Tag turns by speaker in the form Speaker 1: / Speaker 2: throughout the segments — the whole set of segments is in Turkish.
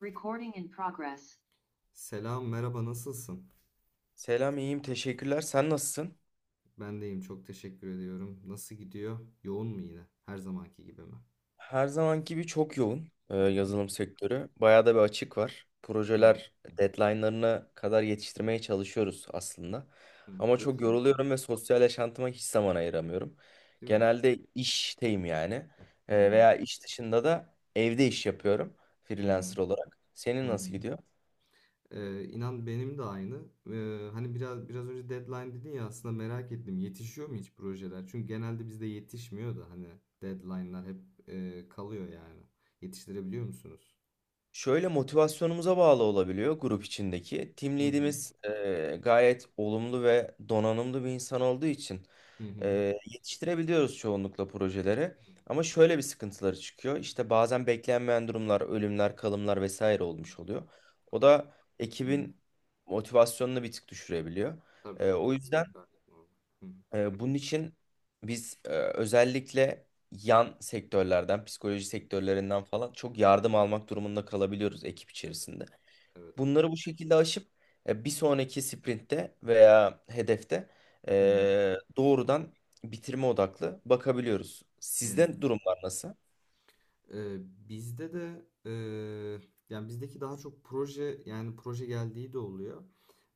Speaker 1: Recording in progress. Selam, merhaba, nasılsın?
Speaker 2: Selam, iyiyim. Teşekkürler. Sen nasılsın?
Speaker 1: Ben deyim, çok teşekkür ediyorum. Nasıl gidiyor? Yoğun mu yine? Her zamanki gibi mi?
Speaker 2: Her zamanki gibi çok yoğun
Speaker 1: Hı hı.
Speaker 2: yazılım sektörü. Bayağı da bir açık var.
Speaker 1: Hı
Speaker 2: Projeler deadline'larına kadar yetiştirmeye çalışıyoruz aslında.
Speaker 1: hı.
Speaker 2: Ama çok
Speaker 1: Yetişiyor,
Speaker 2: yoruluyorum ve sosyal yaşantıma hiç zaman ayıramıyorum.
Speaker 1: değil mi?
Speaker 2: Genelde işteyim yani.
Speaker 1: Hı hı,
Speaker 2: Veya iş dışında da evde iş yapıyorum
Speaker 1: hı hı,
Speaker 2: freelancer olarak.
Speaker 1: hı
Speaker 2: Senin
Speaker 1: hı.
Speaker 2: nasıl gidiyor?
Speaker 1: İnan benim de aynı. Hani biraz önce deadline dedin ya, aslında merak ettim, yetişiyor mu hiç projeler? Çünkü genelde bizde yetişmiyor da hani deadline'lar hep kalıyor yani. Yetiştirebiliyor musunuz?
Speaker 2: Şöyle motivasyonumuza bağlı olabiliyor grup içindeki. Team
Speaker 1: Hı
Speaker 2: lead'imiz gayet olumlu ve donanımlı bir insan olduğu için e, yetiştirebiliyoruz çoğunlukla projeleri.
Speaker 1: hı hı,
Speaker 2: Ama şöyle bir sıkıntıları çıkıyor.
Speaker 1: hı hı,
Speaker 2: İşte bazen beklenmeyen durumlar, ölümler, kalımlar vesaire olmuş oluyor. O da
Speaker 1: hı hı. Anladım.
Speaker 2: ekibin motivasyonunu bir tık düşürebiliyor.
Speaker 1: Tabii
Speaker 2: E, o
Speaker 1: olabilir.
Speaker 2: yüzden
Speaker 1: Gayet normal. Hı hı.
Speaker 2: ee, bunun için biz özellikle yan sektörlerden, psikoloji sektörlerinden falan çok yardım almak durumunda kalabiliyoruz ekip
Speaker 1: Evet.
Speaker 2: içerisinde.
Speaker 1: Evet, evet.
Speaker 2: Bunları bu şekilde aşıp bir sonraki sprintte veya hedefte
Speaker 1: Hı hı.
Speaker 2: doğrudan bitirme odaklı bakabiliyoruz.
Speaker 1: Hı hı.
Speaker 2: Sizde durumlar nasıl?
Speaker 1: Ee, Bizde de yani bizdeki daha çok proje, yani proje geldiği de oluyor.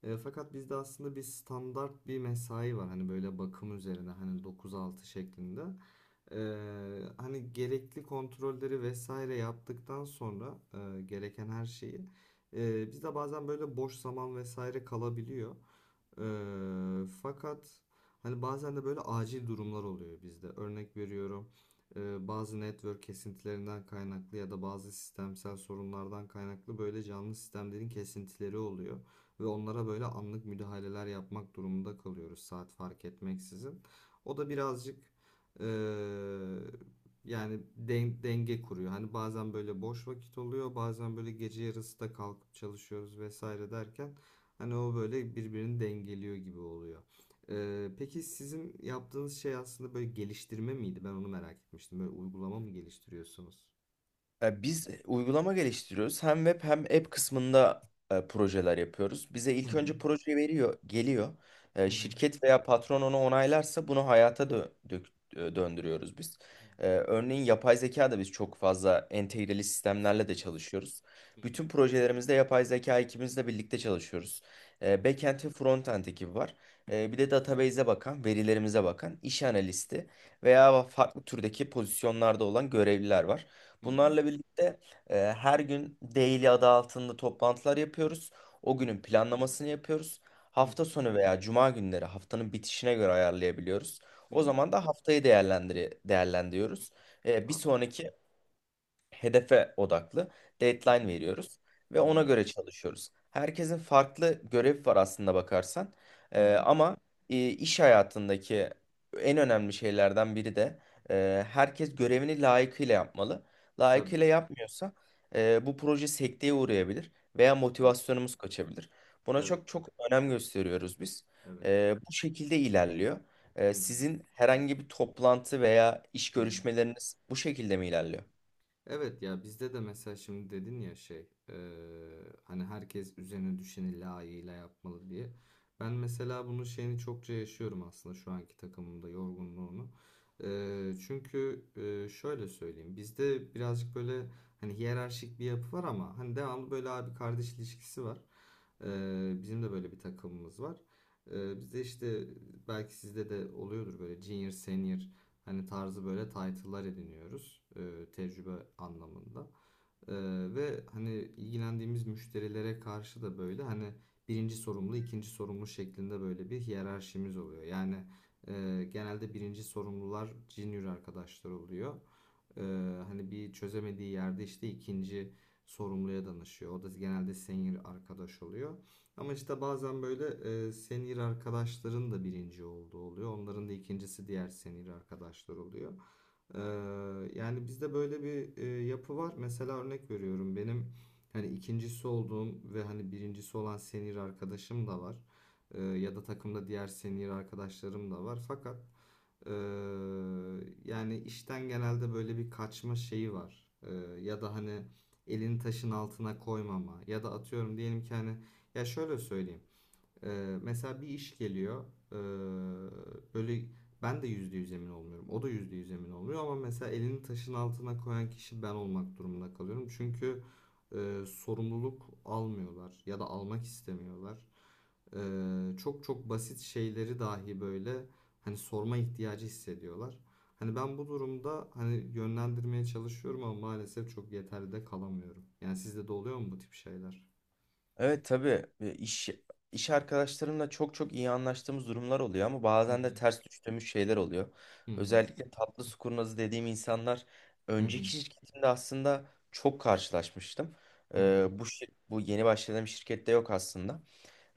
Speaker 1: Fakat bizde aslında bir standart bir mesai var, hani böyle bakım üzerine, hani 9-6 şeklinde. Hani gerekli kontrolleri vesaire yaptıktan sonra gereken her şeyi bizde bazen böyle boş zaman vesaire kalabiliyor. Fakat hani bazen de böyle acil durumlar oluyor bizde. Örnek veriyorum, bazı network kesintilerinden kaynaklı ya da bazı sistemsel sorunlardan kaynaklı böyle canlı sistemlerin kesintileri oluyor. Ve onlara böyle anlık müdahaleler yapmak durumunda kalıyoruz, saat fark etmeksizin. O da birazcık e, yani denge kuruyor. Hani bazen böyle boş vakit oluyor, bazen böyle gece yarısı da kalkıp çalışıyoruz vesaire derken, hani o böyle birbirini dengeliyor gibi oluyor. Peki sizin yaptığınız şey aslında böyle geliştirme miydi? Ben onu merak etmiştim. Böyle uygulama mı geliştiriyorsunuz?
Speaker 2: Biz uygulama geliştiriyoruz. Hem web hem app kısmında projeler yapıyoruz. Bize
Speaker 1: Hı
Speaker 2: ilk
Speaker 1: hı,
Speaker 2: önce proje veriyor, geliyor.
Speaker 1: hı hı,
Speaker 2: Şirket veya patron onu onaylarsa bunu hayata döndürüyoruz biz.
Speaker 1: hı hı.
Speaker 2: Örneğin yapay zeka da biz çok fazla entegreli sistemlerle de
Speaker 1: Sistemler.
Speaker 2: çalışıyoruz.
Speaker 1: Hı
Speaker 2: Bütün
Speaker 1: hı,
Speaker 2: projelerimizde yapay zeka ekibimizle birlikte çalışıyoruz. Backend ve frontend ekibi var.
Speaker 1: hı hı,
Speaker 2: Bir de database'e bakan, verilerimize bakan iş analisti veya farklı türdeki pozisyonlarda olan görevliler var.
Speaker 1: hı hı,
Speaker 2: Bunlarla birlikte her gün daily adı altında toplantılar yapıyoruz. O
Speaker 1: hı
Speaker 2: günün planlamasını yapıyoruz.
Speaker 1: hı, hı
Speaker 2: Hafta
Speaker 1: hı,
Speaker 2: sonu veya cuma günleri haftanın bitişine göre ayarlayabiliyoruz.
Speaker 1: hı hı, hı
Speaker 2: O
Speaker 1: hı.
Speaker 2: zaman da haftayı değerlendiriyoruz. Bir
Speaker 1: Anladım.
Speaker 2: sonraki hedefe odaklı
Speaker 1: Hı hı,
Speaker 2: deadline veriyoruz ve
Speaker 1: hı
Speaker 2: ona
Speaker 1: hı,
Speaker 2: göre çalışıyoruz. Herkesin farklı görevi var aslında bakarsan.
Speaker 1: hı
Speaker 2: Ee,
Speaker 1: hı.
Speaker 2: ama e, iş hayatındaki en önemli şeylerden biri de herkes görevini layıkıyla yapmalı.
Speaker 1: Tabii.
Speaker 2: Layıkıyla yapmıyorsa bu proje sekteye uğrayabilir veya
Speaker 1: Evet,
Speaker 2: motivasyonumuz kaçabilir. Buna
Speaker 1: evet,
Speaker 2: çok çok
Speaker 1: evet.
Speaker 2: önem gösteriyoruz biz.
Speaker 1: Evet.
Speaker 2: Bu şekilde ilerliyor.
Speaker 1: Hı hı,
Speaker 2: Sizin herhangi bir toplantı veya iş
Speaker 1: hı hı.
Speaker 2: görüşmeleriniz bu şekilde mi ilerliyor?
Speaker 1: Evet ya, bizde de mesela şimdi dedin ya şey hani herkes üzerine düşeni layığıyla yapmalı diye. Ben mesela bunun şeyini çokça yaşıyorum aslında şu anki takımımda, yorgunluğunu. Çünkü şöyle söyleyeyim, bizde birazcık böyle hani hiyerarşik bir yapı var ama hani devamlı böyle abi kardeş ilişkisi var. Bizim de böyle bir takımımız var. Bizde işte, belki sizde de oluyordur böyle junior senior hani tarzı böyle title'lar ediniyoruz, tecrübe anlamında. E, Ve hani ilgilendiğimiz müşterilere karşı da böyle hani birinci sorumlu, ikinci sorumlu şeklinde böyle bir hiyerarşimiz oluyor. Yani genelde birinci sorumlular junior arkadaşlar oluyor. Hani bir çözemediği yerde işte ikinci sorumluya danışıyor. O da genelde senior arkadaş oluyor. Ama işte bazen böyle senior arkadaşların da birinci olduğu oluyor. Onların da ikincisi diğer senior arkadaşlar oluyor. Ee, Yani bizde böyle bir yapı var. Mesela örnek veriyorum, benim hani ikincisi olduğum ve hani birincisi olan senior arkadaşım da var. Ya da takımda diğer senior arkadaşlarım da var. Fakat ee, yani işten genelde böyle bir kaçma şeyi var. Ya da hani elini taşın altına koymama ya da atıyorum, diyelim ki hani, ya şöyle söyleyeyim. Mesela bir iş geliyor. ee, Böyle ben de %100 emin olmuyorum. O da %100 emin olmuyor ama mesela elini taşın altına koyan kişi ben olmak durumunda kalıyorum. Çünkü sorumluluk almıyorlar ya da almak istemiyorlar. Çok çok basit şeyleri dahi böyle hani sorma ihtiyacı hissediyorlar. Hani ben bu durumda hani yönlendirmeye çalışıyorum ama maalesef çok yeterli de kalamıyorum. Yani sizde de oluyor mu bu tip şeyler?
Speaker 2: Evet tabii. İş arkadaşlarımla çok çok iyi anlaştığımız durumlar oluyor ama
Speaker 1: Hı
Speaker 2: bazen de
Speaker 1: hı.
Speaker 2: ters düştüğümüz şeyler oluyor.
Speaker 1: Hı hı.
Speaker 2: Özellikle tatlı su kurnazı dediğim insanlar
Speaker 1: Hı hı.
Speaker 2: önceki şirketimde aslında çok karşılaşmıştım.
Speaker 1: Hı hı.
Speaker 2: Bu yeni başladığım şirkette yok aslında.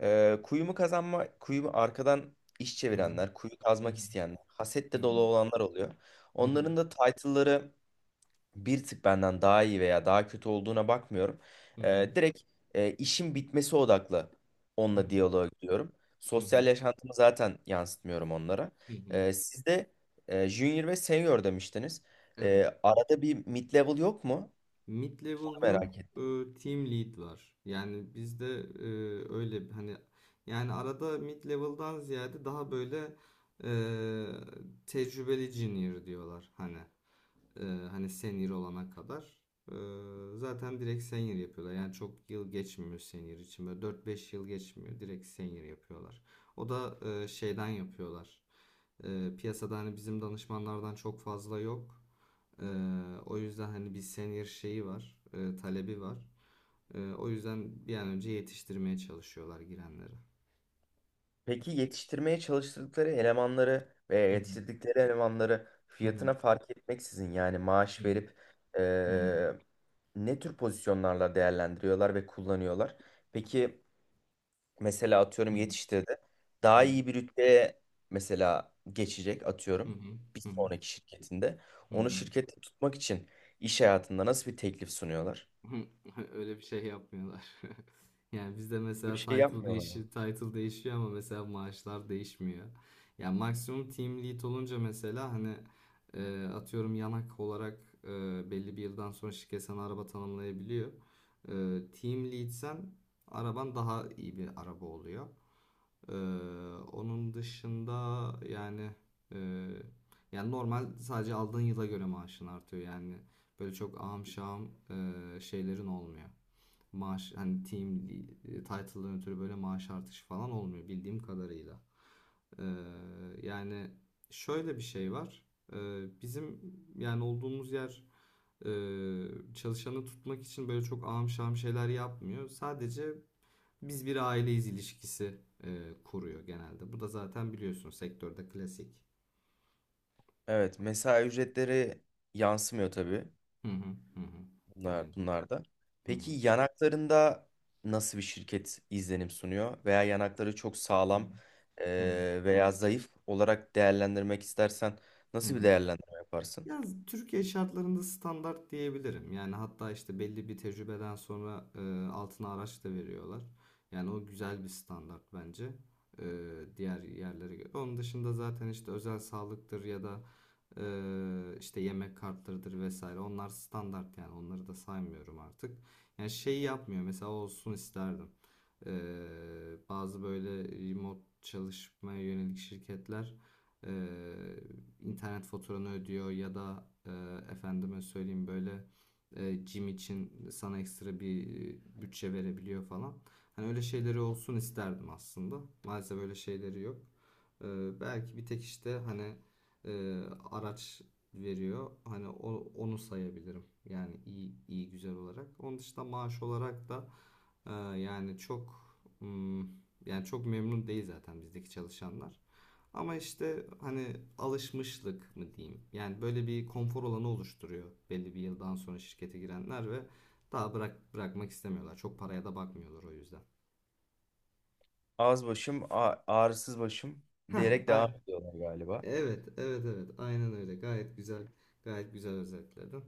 Speaker 2: Kuyumu kazanma, kuyumu arkadan iş
Speaker 1: Hı hı.
Speaker 2: çevirenler, kuyu
Speaker 1: Hı hı,
Speaker 2: kazmak isteyenler,
Speaker 1: hı
Speaker 2: hasetle
Speaker 1: hı,
Speaker 2: dolu olanlar oluyor.
Speaker 1: hı hı,
Speaker 2: Onların da title'ları bir tık benden daha iyi veya daha kötü olduğuna bakmıyorum. Direkt işin bitmesi odaklı
Speaker 1: hı hı,
Speaker 2: onunla
Speaker 1: hı hı,
Speaker 2: diyaloğa gidiyorum.
Speaker 1: hı hı,
Speaker 2: Sosyal yaşantımı zaten yansıtmıyorum onlara.
Speaker 1: hı hı.
Speaker 2: Siz de junior ve senior demiştiniz.
Speaker 1: Evet.
Speaker 2: Arada bir mid level yok mu?
Speaker 1: Mid
Speaker 2: Onu
Speaker 1: level yok,
Speaker 2: merak ettim.
Speaker 1: team lead var. Yani bizde e, hani, yani arada mid level'dan ziyade daha böyle e, tecrübeli junior diyorlar hani. Ee, Hani senior olana kadar. Zaten direkt senior yapıyorlar. Yani çok yıl geçmiyor senior için. Böyle 4-5 yıl geçmiyor. Direkt senior yapıyorlar. O da şeyden yapıyorlar. Piyasada hani bizim danışmanlardan çok fazla yok. Ee, O yüzden hani bir senior şeyi var, talebi var. O yüzden bir an önce yetiştirmeye çalışıyorlar girenleri.
Speaker 2: Peki yetiştirmeye çalıştıkları elemanları veya
Speaker 1: Hı
Speaker 2: yetiştirdikleri elemanları
Speaker 1: hı
Speaker 2: fiyatına fark etmeksizin yani
Speaker 1: hı
Speaker 2: maaş verip e,
Speaker 1: hı hı
Speaker 2: ne tür pozisyonlarla değerlendiriyorlar ve kullanıyorlar? Peki, mesela
Speaker 1: hı
Speaker 2: atıyorum yetiştirdi.
Speaker 1: hı
Speaker 2: Daha
Speaker 1: hı
Speaker 2: iyi bir rütbeye mesela geçecek
Speaker 1: hı
Speaker 2: atıyorum
Speaker 1: hı
Speaker 2: bir
Speaker 1: hı hı hı
Speaker 2: sonraki şirketinde.
Speaker 1: hı.
Speaker 2: Onu
Speaker 1: Hı.
Speaker 2: şirkette tutmak için iş hayatında nasıl bir teklif sunuyorlar?
Speaker 1: Öyle bir şey yapmıyorlar. Yani bizde
Speaker 2: Öyle bir
Speaker 1: mesela
Speaker 2: şey
Speaker 1: title
Speaker 2: yapmıyorlar mı?
Speaker 1: değişiyor, title değişiyor ama mesela maaşlar değişmiyor. Yani maksimum team lead olunca mesela hani atıyorum yanak olarak, e, belli bir yıldan sonra şirket sana araba tanımlayabiliyor. E, Team leadsen araban daha iyi bir araba oluyor. Ee, Onun dışında yani, e, yani normal, sadece aldığın yıla göre maaşın artıyor yani, böyle çok ahım şahım şeylerin olmuyor. Maaş hani team title'dan ötürü böyle maaş artışı falan olmuyor, bildiğim kadarıyla. Ee, Yani şöyle bir şey var. Bizim yani olduğumuz yer e, çalışanı tutmak için böyle çok ahım şahım şeyler yapmıyor. Sadece "biz bir aileyiz" ilişkisi kuruyor genelde. Bu da zaten biliyorsun sektörde klasik.
Speaker 2: Evet, mesai ücretleri yansımıyor tabii
Speaker 1: Hı hı, hı hı.
Speaker 2: bunlar,
Speaker 1: Aynen.
Speaker 2: bunlarda.
Speaker 1: Hı
Speaker 2: Peki
Speaker 1: hı,
Speaker 2: yanaklarında nasıl bir şirket izlenim sunuyor? Veya yanakları çok
Speaker 1: hı
Speaker 2: sağlam
Speaker 1: hı, hı hı.
Speaker 2: veya zayıf olarak değerlendirmek istersen
Speaker 1: Hı
Speaker 2: nasıl bir
Speaker 1: hı.
Speaker 2: değerlendirme yaparsın?
Speaker 1: Ya, Türkiye şartlarında standart diyebilirim. Yani hatta işte belli bir tecrübeden sonra altına araç da veriyorlar. Yani o güzel bir standart bence, e, diğer yerlere göre. Onun dışında zaten işte özel sağlıktır ya da işte yemek kartlarıdır vesaire. Onlar standart, yani onları da saymıyorum artık. Yani şey yapmıyor mesela, olsun isterdim. E, Bazı böyle remote çalışmaya yönelik şirketler e, internet faturanı ödüyor ya da efendime söyleyeyim böyle gym için sana ekstra bir bütçe verebiliyor falan. Hani öyle şeyleri olsun isterdim aslında. Maalesef öyle şeyleri yok. E, Belki bir tek işte hani e, araç veriyor. Hani onu sayabilirim. Yani iyi iyi güzel olarak. Onun dışında maaş olarak da e, yani çok yani çok memnun değil zaten bizdeki çalışanlar. Ama işte hani alışmışlık mı diyeyim. Yani böyle bir konfor alanı oluşturuyor belli bir yıldan sonra şirkete girenler ve daha bırakmak istemiyorlar. Çok paraya da bakmıyorlar o yüzden.
Speaker 2: Ağız başım, ağrısız başım
Speaker 1: Heh,
Speaker 2: diyerek devam ediyorlar galiba.
Speaker 1: evet, evet, evet. Aynen öyle. Gayet güzel, gayet güzel özetledin.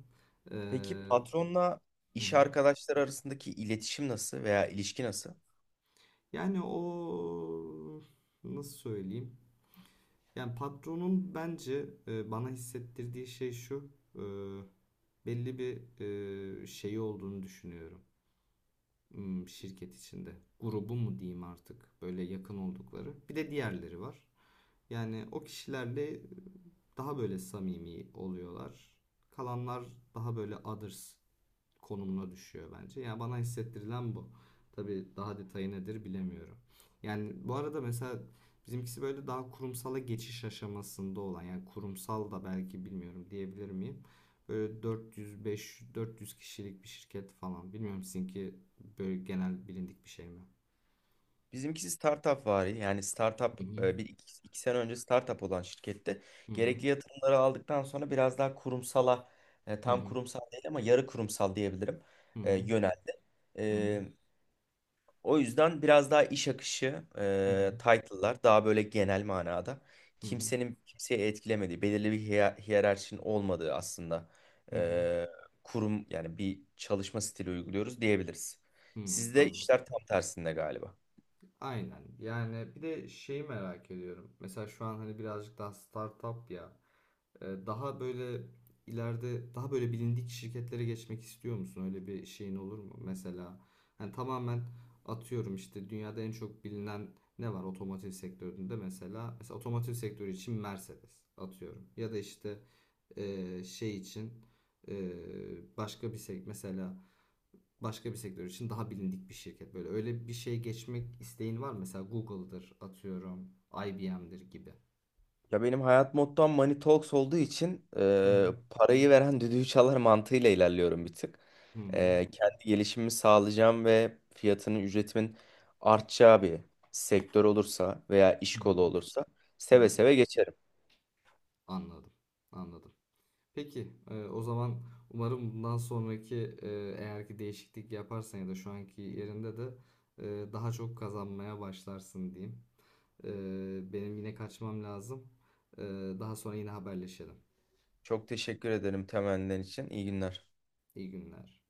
Speaker 1: Ee,
Speaker 2: Peki patronla
Speaker 1: hı
Speaker 2: iş
Speaker 1: hı.
Speaker 2: arkadaşları arasındaki iletişim nasıl veya ilişki nasıl?
Speaker 1: Yani o, nasıl söyleyeyim? Yani patronun bence bana hissettirdiği şey şu: e, belli bir şeyi olduğunu düşünüyorum, şirket içinde. Grubu mu diyeyim artık, böyle yakın oldukları. Bir de diğerleri var. Yani o kişilerle daha böyle samimi oluyorlar. Kalanlar daha böyle others konumuna düşüyor bence. Yani bana hissettirilen bu. Tabii daha detayı nedir bilemiyorum. Yani bu arada, mesela bizimkisi böyle daha kurumsala geçiş aşamasında olan, yani kurumsal da belki, bilmiyorum, diyebilir miyim? Böyle 400 kişilik bir şirket falan. Bilmiyorum, sizinki böyle genel bilindik bir şey mi?
Speaker 2: Bizimkisi startup vari, yani startup
Speaker 1: Hı hı.
Speaker 2: bir iki, iki sene önce startup olan şirkette
Speaker 1: Hı hı.
Speaker 2: gerekli yatırımları aldıktan sonra biraz daha kurumsala
Speaker 1: Hı
Speaker 2: tam kurumsal değil ama yarı kurumsal diyebilirim,
Speaker 1: hı.
Speaker 2: yöneldi.
Speaker 1: Hı hı.
Speaker 2: E, O yüzden biraz daha iş akışı,
Speaker 1: Hı hı. Hı hı.
Speaker 2: title'lar daha böyle genel manada
Speaker 1: Hı hı.
Speaker 2: kimsenin kimseyi etkilemediği, belirli bir hiyerarşinin olmadığı aslında
Speaker 1: Hı hı.
Speaker 2: e, kurum yani bir çalışma stili uyguluyoruz diyebiliriz.
Speaker 1: Hı
Speaker 2: Sizde
Speaker 1: hı.
Speaker 2: işler tam tersinde galiba.
Speaker 1: Aynen. Yani bir de şeyi merak ediyorum. Mesela şu an hani birazcık daha startup ya. Daha böyle ileride daha böyle bilindik şirketlere geçmek istiyor musun? Öyle bir şeyin olur mu? Mesela hani tamamen atıyorum işte dünyada en çok bilinen ne var otomotiv sektöründe mesela. Mesela otomotiv sektörü için Mercedes atıyorum. Ya da işte şey için e, başka bir sektör, mesela başka bir sektör için daha bilindik bir şirket. Böyle öyle bir şey, geçmek isteğin var mı? Mesela Google'dır atıyorum, IBM'dir gibi.
Speaker 2: Ya benim hayat mottom Money Talks olduğu için
Speaker 1: Hı hı.
Speaker 2: parayı veren düdüğü çalar mantığıyla ilerliyorum bir tık.
Speaker 1: Hı hı.
Speaker 2: Kendi gelişimimi sağlayacağım ve fiyatının, ücretimin artacağı bir sektör olursa veya iş
Speaker 1: Hı
Speaker 2: kolu
Speaker 1: hı.
Speaker 2: olursa
Speaker 1: Hı
Speaker 2: seve
Speaker 1: hı,
Speaker 2: seve geçerim.
Speaker 1: anladım. Anladım. Peki, o zaman umarım bundan sonraki, e, eğer ki değişiklik yaparsan ya da şu anki yerinde de daha çok kazanmaya başlarsın diyeyim. Benim yine kaçmam lazım. E, Daha sonra yine haberleşelim.
Speaker 2: Çok teşekkür ederim temennilerin için. İyi günler.
Speaker 1: İyi günler.